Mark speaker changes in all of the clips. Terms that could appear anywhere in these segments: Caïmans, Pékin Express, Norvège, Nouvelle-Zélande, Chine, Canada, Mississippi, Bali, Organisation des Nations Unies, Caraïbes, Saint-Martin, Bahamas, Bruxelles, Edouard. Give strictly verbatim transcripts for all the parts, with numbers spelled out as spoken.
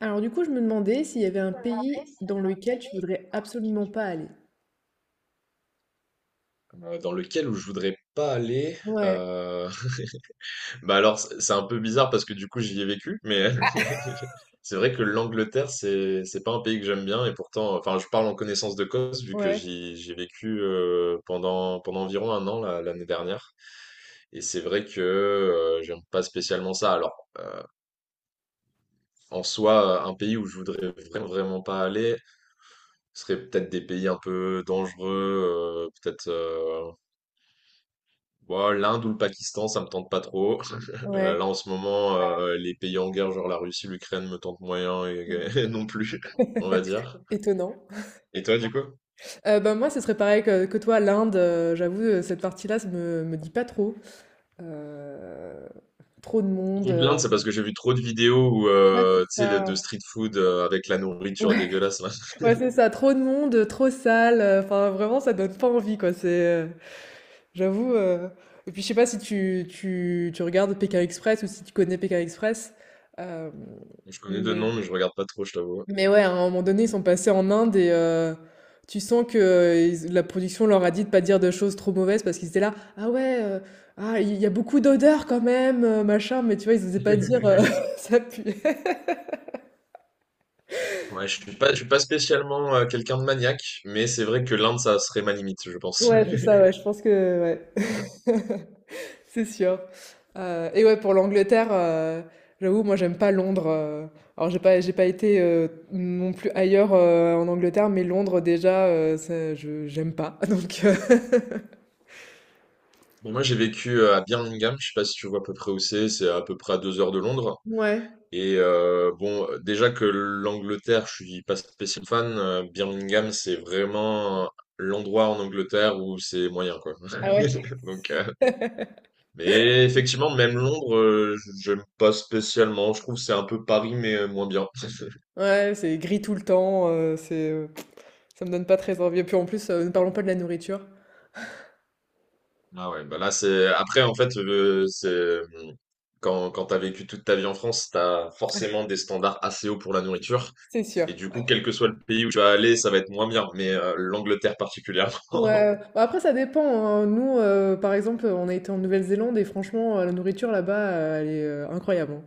Speaker 1: Alors du coup, je me demandais s'il y avait un pays dans lequel tu voudrais absolument pas aller.
Speaker 2: Euh, dans lequel où je voudrais pas aller.
Speaker 1: Ouais,
Speaker 2: euh, Bah alors, c- c'est un peu bizarre parce que du coup, j'y ai vécu, mais c'est vrai que l'Angleterre, c'est c'est pas un pays que j'aime bien. Et pourtant, enfin, je parle en connaissance de cause vu que
Speaker 1: ouais,
Speaker 2: j'y j'ai vécu euh, pendant pendant environ un an là, l'année dernière. Et c'est vrai que euh, j'aime pas spécialement ça. Alors, en soi, euh, un pays où je voudrais vraiment vraiment pas aller, ce serait peut-être des pays un peu dangereux, euh, peut-être. euh, Bon, l'Inde ou le Pakistan, ça me tente pas trop. Euh, là,
Speaker 1: ouais.
Speaker 2: en ce moment. Ouais. Euh, les pays en guerre, genre la Russie, l'Ukraine, me tentent moyen et, non plus, on va dire.
Speaker 1: Étonnant.
Speaker 2: Et toi, du coup?
Speaker 1: Euh, bah, moi, ce serait pareil que, que toi, l'Inde. Euh, j'avoue, euh, cette partie-là, ça me, me dit pas trop. Euh, Trop de monde.
Speaker 2: Donc
Speaker 1: euh,
Speaker 2: l'Inde, c'est parce que j'ai vu trop de vidéos où,
Speaker 1: Ouais, c'est
Speaker 2: euh, tu sais, le- de
Speaker 1: ça.
Speaker 2: street food euh, avec la nourriture
Speaker 1: Ouais,
Speaker 2: dégueulasse, là.
Speaker 1: ouais, c'est ça. Trop de monde, trop sale. euh, Enfin, vraiment, ça donne pas envie, quoi. C'est, euh, j'avoue. euh, Et puis, je sais pas si tu, tu, tu regardes Pékin Express ou si tu connais Pékin Express. euh,
Speaker 2: Je connais de
Speaker 1: Mais
Speaker 2: nom, mais je regarde pas trop, je t'avoue.
Speaker 1: Mais ouais, à un moment donné, ils sont passés en Inde et euh, tu sens que euh, ils- la production leur a dit de pas dire de choses trop mauvaises parce qu'ils étaient là, ah ouais, euh, ah il y a beaucoup d'odeurs quand même, euh, machin, mais tu vois, ils osaient pas dire euh, ça pue.
Speaker 2: Ouais, je suis pas, je suis pas spécialement euh, quelqu'un de maniaque, mais c'est vrai que l'Inde, ça serait ma limite, je pense.
Speaker 1: Ouais, c'est ça, ouais, je pense que ouais, c'est sûr. Euh, et ouais, pour l'Angleterre, euh, j'avoue, moi j'aime pas Londres. Euh. Alors j'ai pas, j'ai pas été euh, non plus ailleurs euh, en Angleterre, mais Londres déjà, euh, ça, je j'aime pas. Donc euh,
Speaker 2: Bon, moi, j'ai vécu euh, à Birmingham. Je sais pas si tu vois à peu près où c'est, c'est à peu près à deux heures de Londres.
Speaker 1: Ouais.
Speaker 2: Et euh, bon, déjà que l'Angleterre, je suis pas spécialement fan. euh, Birmingham, c'est vraiment l'endroit en Angleterre où c'est moyen, quoi.
Speaker 1: Ah ouais.
Speaker 2: Donc, euh, mais effectivement, même Londres, euh, j'aime pas spécialement. Je trouve que c'est un peu Paris, mais euh, moins bien.
Speaker 1: Ouais, c'est gris tout le temps, heu, c'est, heu, ça me donne pas très envie et puis en plus, heu, ne parlons pas de la nourriture,
Speaker 2: Ah ouais, bah là, c'est après, en fait, euh, c'est mm, quand quand t'as vécu toute ta vie en France, t'as forcément des standards assez hauts pour la nourriture.
Speaker 1: c'est sûr.
Speaker 2: Et du coup, quel que soit le pays où tu vas aller, ça va être moins bien. Mais euh, l'Angleterre particulièrement.
Speaker 1: Ouais, bah, après ça dépend, hein, nous, heu, par exemple, on a été en Nouvelle-Zélande et franchement, heu, la nourriture là-bas, heu, elle est, heu, incroyable, hein.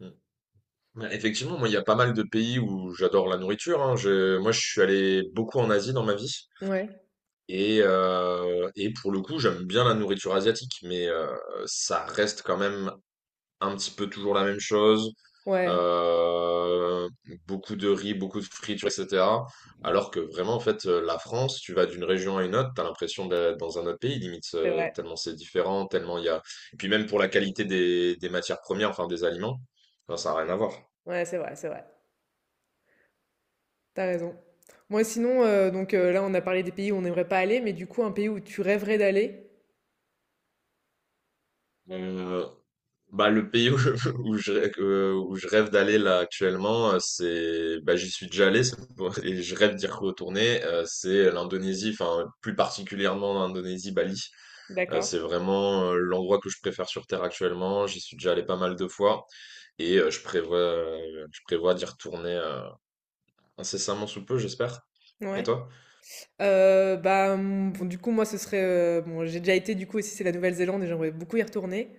Speaker 2: Ouais, effectivement, moi, il y a pas mal de pays où j'adore la nourriture, hein. Je- moi, je suis allé beaucoup en Asie dans ma vie.
Speaker 1: Ouais,
Speaker 2: Et, euh, et pour le coup, j'aime bien la nourriture asiatique, mais euh, ça reste quand même un petit peu toujours la même chose.
Speaker 1: ouais,
Speaker 2: Euh, Beaucoup de riz, beaucoup de friture, et cetera. Alors que vraiment, en fait, euh, la France, tu vas d'une région à une autre, t'as l'impression d'être dans un autre pays, limite,
Speaker 1: c'est
Speaker 2: euh,
Speaker 1: vrai.
Speaker 2: tellement c'est différent, tellement il y a... Et puis même pour la qualité des, des matières premières, enfin des aliments, enfin, ça n'a rien à voir.
Speaker 1: Ouais, c'est vrai, c'est vrai. T'as raison. Moi sinon, heu, donc, heu, là on a parlé des pays où on n'aimerait pas aller, mais du coup un pays où tu rêverais d'aller?
Speaker 2: Euh, Bah, le pays où je, où je, rê- euh, où je rêve d'aller là actuellement, euh, c'est, bah, j'y suis déjà allé, c'est pour- et je rêve d'y retourner. Euh, c'est l'Indonésie, enfin plus particulièrement l'Indonésie, Bali. Euh,
Speaker 1: D'accord,
Speaker 2: c'est vraiment euh, l'endroit que je préfère sur Terre actuellement. J'y suis déjà allé pas mal de fois et euh, je prévois, euh, je prévois d'y retourner euh, incessamment sous peu, j'espère. Et
Speaker 1: ouais.
Speaker 2: toi?
Speaker 1: Heu, bah, mmh, bon, du coup, moi, ce serait, heu, bon, j'ai déjà été, du coup, aussi, c'est la Nouvelle-Zélande et j'aimerais beaucoup y retourner.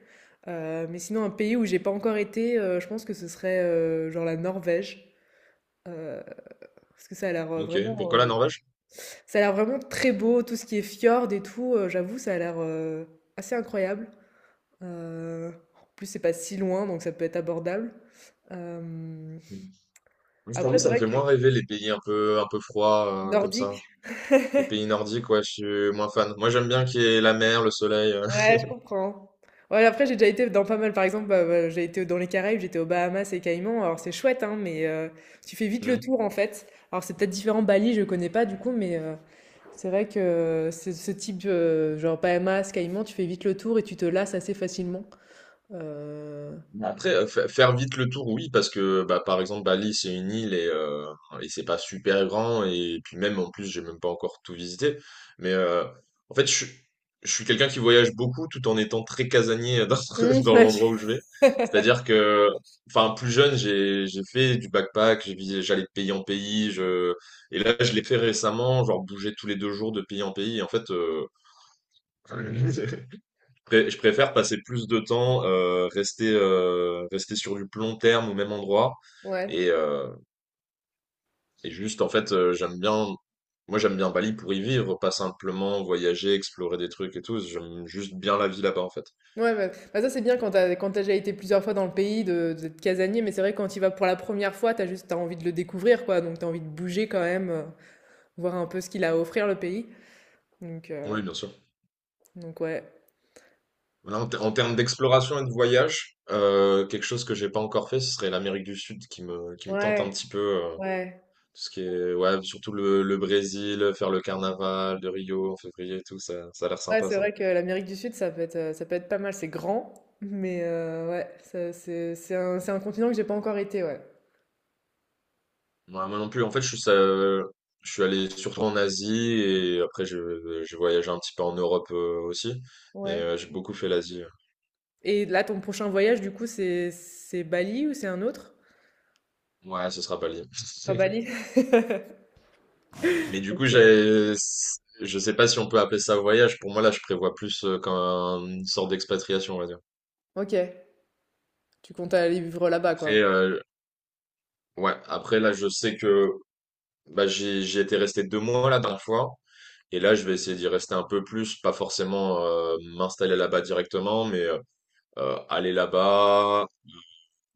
Speaker 1: Heu, mais sinon, un pays où j'ai pas encore été, heu, je pense que ce serait, heu, genre la Norvège. Heu, Parce que ça a l'air, heu,
Speaker 2: Ok.
Speaker 1: vraiment,
Speaker 2: Pourquoi la
Speaker 1: heu,
Speaker 2: Norvège?
Speaker 1: ça a l'air vraiment très beau, tout ce qui est fjord et tout, heu, j'avoue, ça a l'air, heu, assez incroyable. Heu, en plus, c'est pas si loin, donc ça peut être abordable. Hem,
Speaker 2: Mm. Je t'avoue,
Speaker 1: Après, c'est
Speaker 2: ça me
Speaker 1: vrai
Speaker 2: fait
Speaker 1: que
Speaker 2: moins rêver les pays un peu, un peu froids euh, comme ça.
Speaker 1: nordique.
Speaker 2: Les pays nordiques, ouais, je suis moins fan. Moi, j'aime bien qu'il y ait la mer, le soleil. euh.
Speaker 1: Ouais, je comprends. Ouais, après, j'ai déjà été dans pas mal, par exemple, bah, bah, j'ai été dans les Caraïbes, j'étais aux Bahamas et Caïmans. Alors, c'est chouette, hein, mais euh, tu fais vite le
Speaker 2: Mm.
Speaker 1: tour, en fait. Alors, c'est peut-être différent, Bali, je connais pas, du coup, mais euh, c'est vrai que euh, ce ce type, euh, genre Bahamas, Caïmans, tu fais vite le tour et tu te lasses assez facilement. Euh,
Speaker 2: Mais après, euh, fa- faire vite le tour, oui, parce que, bah, par exemple, Bali, c'est une île et, euh, et c'est pas super grand. Et puis même, en plus, j'ai même pas encore tout visité. Mais euh, en fait, je, suis- je suis quelqu'un qui voyage beaucoup tout en étant très casanier euh, dans,
Speaker 1: Hum,
Speaker 2: dans
Speaker 1: ouais.
Speaker 2: l'endroit où je vais. C'est-à-dire que, enfin, plus jeune, j'ai, j'ai fait du backpack, j'ai visé- j'allais de pays en pays. Je... Et là, je l'ai fait récemment, genre bouger tous les deux jours de pays en pays. Et en fait... euh, Pré- Je préfère passer plus de temps, euh, rester, euh, rester sur du plus long terme au même endroit.
Speaker 1: Ouais.
Speaker 2: Et, euh, et juste, en fait, euh, j'aime bien, moi j'aime bien Bali pour y vivre, pas simplement voyager, explorer des trucs et tout. J'aime juste bien la vie là-bas, en fait.
Speaker 1: Ouais, bah, bah, ça c'est bien quand t'as quand t'as déjà été plusieurs fois dans le pays de d'être casanier, mais c'est vrai que quand tu vas pour la première fois, t'as juste t'as envie de le découvrir quoi, donc t'as envie de bouger quand même, euh, voir un peu ce qu'il a à offrir le pays. Donc, heu,
Speaker 2: Oui, bien sûr.
Speaker 1: donc ouais.
Speaker 2: Voilà, en, ter- en termes d'exploration et de voyage, euh, quelque chose que j'ai pas encore fait, ce serait l'Amérique du Sud qui me, qui me tente un
Speaker 1: Ouais,
Speaker 2: petit peu. euh,
Speaker 1: ouais.
Speaker 2: Parce que, ouais, surtout le, le Brésil, faire le carnaval de Rio en février et tout, ça, ça a l'air
Speaker 1: Ouais,
Speaker 2: sympa,
Speaker 1: c'est
Speaker 2: ça.
Speaker 1: vrai que l'Amérique du Sud, ça peut être, heu, ça peut être pas mal. C'est grand, mais heu, ouais, ça c'est c'est un c'est un continent que j'ai pas encore été, ouais.
Speaker 2: Moi, moi non plus, en fait, je suis, euh, je suis allé surtout en Asie et après, je- j'ai voyagé un petit peu en Europe euh, aussi. Mais
Speaker 1: Ouais.
Speaker 2: euh, j'ai beaucoup fait l'Asie. Ouais.
Speaker 1: Et là, ton prochain voyage, du coup, c'est c'est Bali ou c'est un autre?
Speaker 2: Ouais, ce sera Bali.
Speaker 1: À Bali.
Speaker 2: Mais du coup,
Speaker 1: OK.
Speaker 2: j'ai, je sais pas si on peut appeler ça voyage. Pour moi, là, je prévois plus euh, comme une sorte d'expatriation, on va dire.
Speaker 1: OK. Tu comptes aller vivre là-bas,
Speaker 2: Après,
Speaker 1: quoi?
Speaker 2: euh, ouais, après, là, je sais que... bah, j'ai, j'ai été resté deux mois la dernière fois. Et là, je vais essayer d'y rester un peu plus, pas forcément euh, m'installer là-bas directement, mais euh, euh, aller là-bas,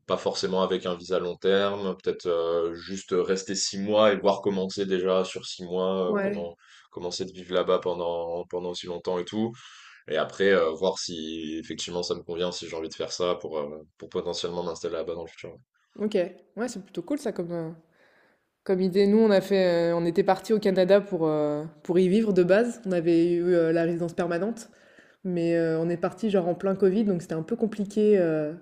Speaker 2: pas forcément avec un visa long terme, peut-être euh, juste rester six mois et voir comment c'est déjà sur six mois, euh,
Speaker 1: Ouais.
Speaker 2: comment comment c'est de vivre là-bas pendant pendant aussi longtemps et tout. Et après, euh, voir si effectivement ça me convient, si j'ai envie de faire ça pour euh, pour potentiellement m'installer là-bas dans le futur. Ouais.
Speaker 1: OK. Ouais, c'est plutôt cool ça comme, heu, comme idée. Nous, on a fait, heu, on était partis au Canada pour, heu, pour y vivre de base. On avait eu, heu, la résidence permanente. Mais heu, on est parti genre en plein Covid, donc c'était un peu compliqué, heu,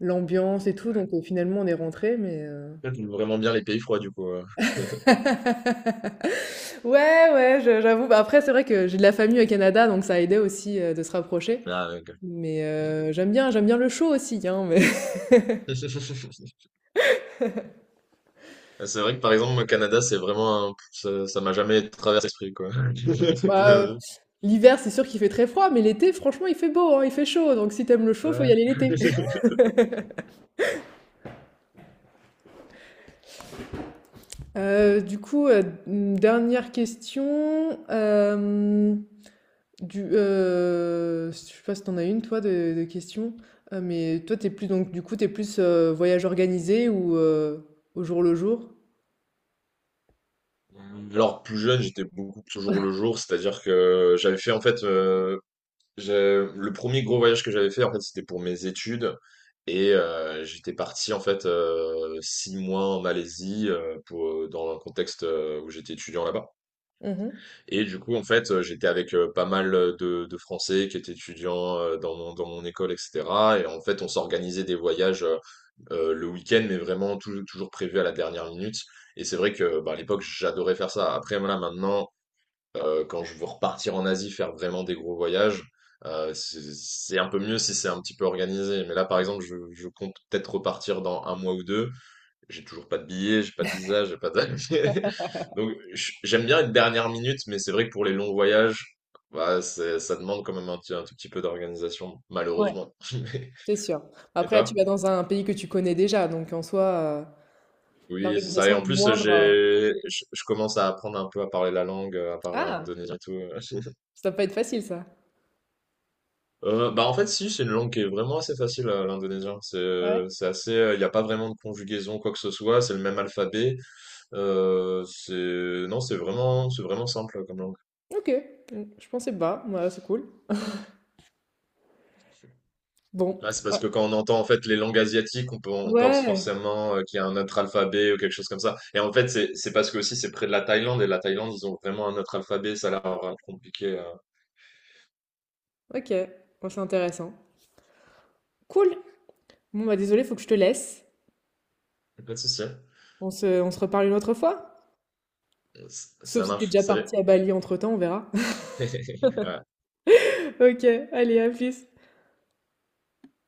Speaker 1: l'ambiance et tout,
Speaker 2: Ouais.
Speaker 1: donc heu, finalement on est rentré. mais heu
Speaker 2: J'aime vraiment bien les pays froids du coup. euh.
Speaker 1: Ouais, ouais, je j'avoue. Bah, après, c'est vrai que j'ai de la famille au Canada, donc ça a aidé aussi, heu, de se rapprocher.
Speaker 2: Ah, ok.
Speaker 1: Mais heu, j'aime bien j'aime bien le chaud aussi, hein, mais
Speaker 2: Euh, C'est vrai que par exemple, moi, Canada, c'est vraiment un- ça, ça m'a jamais traversé l'esprit, quoi.
Speaker 1: bah, heu, l'hiver, c'est sûr qu'il fait très froid, mais l'été, franchement, il fait beau, hein, il fait chaud, donc si t'aimes le chaud, faut
Speaker 2: Ouais.
Speaker 1: y aller l'été. Heu, du coup, heu, mmh, dernière question. Hem Du, heu, je sais pas si t'en as une toi de de question, heu, mais toi t'es plus donc du coup t'es plus, heu, voyage organisé ou, heu, au jour le jour?
Speaker 2: Hum, Alors plus jeune, j'étais beaucoup plus au jour le jour, c'est-à-dire que j'avais fait en fait euh, j'ai- le premier gros voyage que j'avais fait en fait, c'était pour mes études. Et euh, j'étais parti en fait euh, six mois en Malaisie euh, pour dans un contexte euh, où j'étais étudiant là-bas.
Speaker 1: Mmh.
Speaker 2: Et du coup, en fait, euh, j'étais avec euh, pas mal euh, de, de Français qui étaient étudiants euh, dans mon, dans mon école, et cetera. Et en fait, on s'organisait des voyages euh, euh, le week-end, mais vraiment tou- toujours prévu à la dernière minute. Et c'est vrai que bah, à l'époque, j'adorais faire ça. Après, voilà, maintenant, euh, quand je veux repartir en Asie, faire vraiment des gros voyages, euh, c'est c'est un peu mieux si c'est un petit peu organisé. Mais là, par exemple, je, je compte peut-être repartir dans un mois ou deux. J'ai toujours pas de billet, j'ai pas de visa, j'ai pas de... Donc j- j'aime bien une dernière minute, mais c'est vrai que pour les longs voyages, bah, c'est- ça demande quand même un, petit- un tout petit peu d'organisation,
Speaker 1: Ouais.
Speaker 2: malheureusement. Mais-
Speaker 1: C'est sûr.
Speaker 2: Et
Speaker 1: Après là tu
Speaker 2: toi?
Speaker 1: vas dans un pays que tu connais déjà donc en soi, heu,
Speaker 2: Oui, c'est ça. Et
Speaker 1: l'organisation
Speaker 2: en
Speaker 1: est
Speaker 2: plus,
Speaker 1: moindre. Heu
Speaker 2: j'ai, je je commence à apprendre un peu à parler la langue, à parler
Speaker 1: ah!
Speaker 2: indonésien et tout.
Speaker 1: Ça va pas être facile ça.
Speaker 2: Euh, bah en fait, si, c'est une langue qui est vraiment assez facile, euh, l'indonésien. C'est,
Speaker 1: Ouais.
Speaker 2: c'est assez, il n'y a pas vraiment de conjugaison, quoi que ce soit. C'est le même alphabet. Euh, c'est, non, c'est vraiment, c'est vraiment simple euh, comme langue.
Speaker 1: OK, mmh, je pensais pas, ouais, c'est cool. Bon,
Speaker 2: Ah, c'est parce que
Speaker 1: ouais,
Speaker 2: quand on entend en fait les langues asiatiques, on, peut- on pense
Speaker 1: ouais,
Speaker 2: forcément euh, qu'il y a un autre alphabet ou quelque chose comme ça. Et en fait, c'est c'est parce que aussi c'est près de la Thaïlande, et la Thaïlande, ils ont vraiment un autre alphabet. Ça a l'air euh, compliqué. euh.
Speaker 1: OK, bon, c'est intéressant. Cool! Bon, bah, désolé faut que je te laisse.
Speaker 2: Pas de souci.
Speaker 1: On se on se reparle une autre fois? Sauf
Speaker 2: Ça
Speaker 1: si t'es
Speaker 2: marche.
Speaker 1: déjà parti
Speaker 2: Salut.
Speaker 1: à Bali entre-temps, on verra.
Speaker 2: Ouais.
Speaker 1: OK, allez, à plus.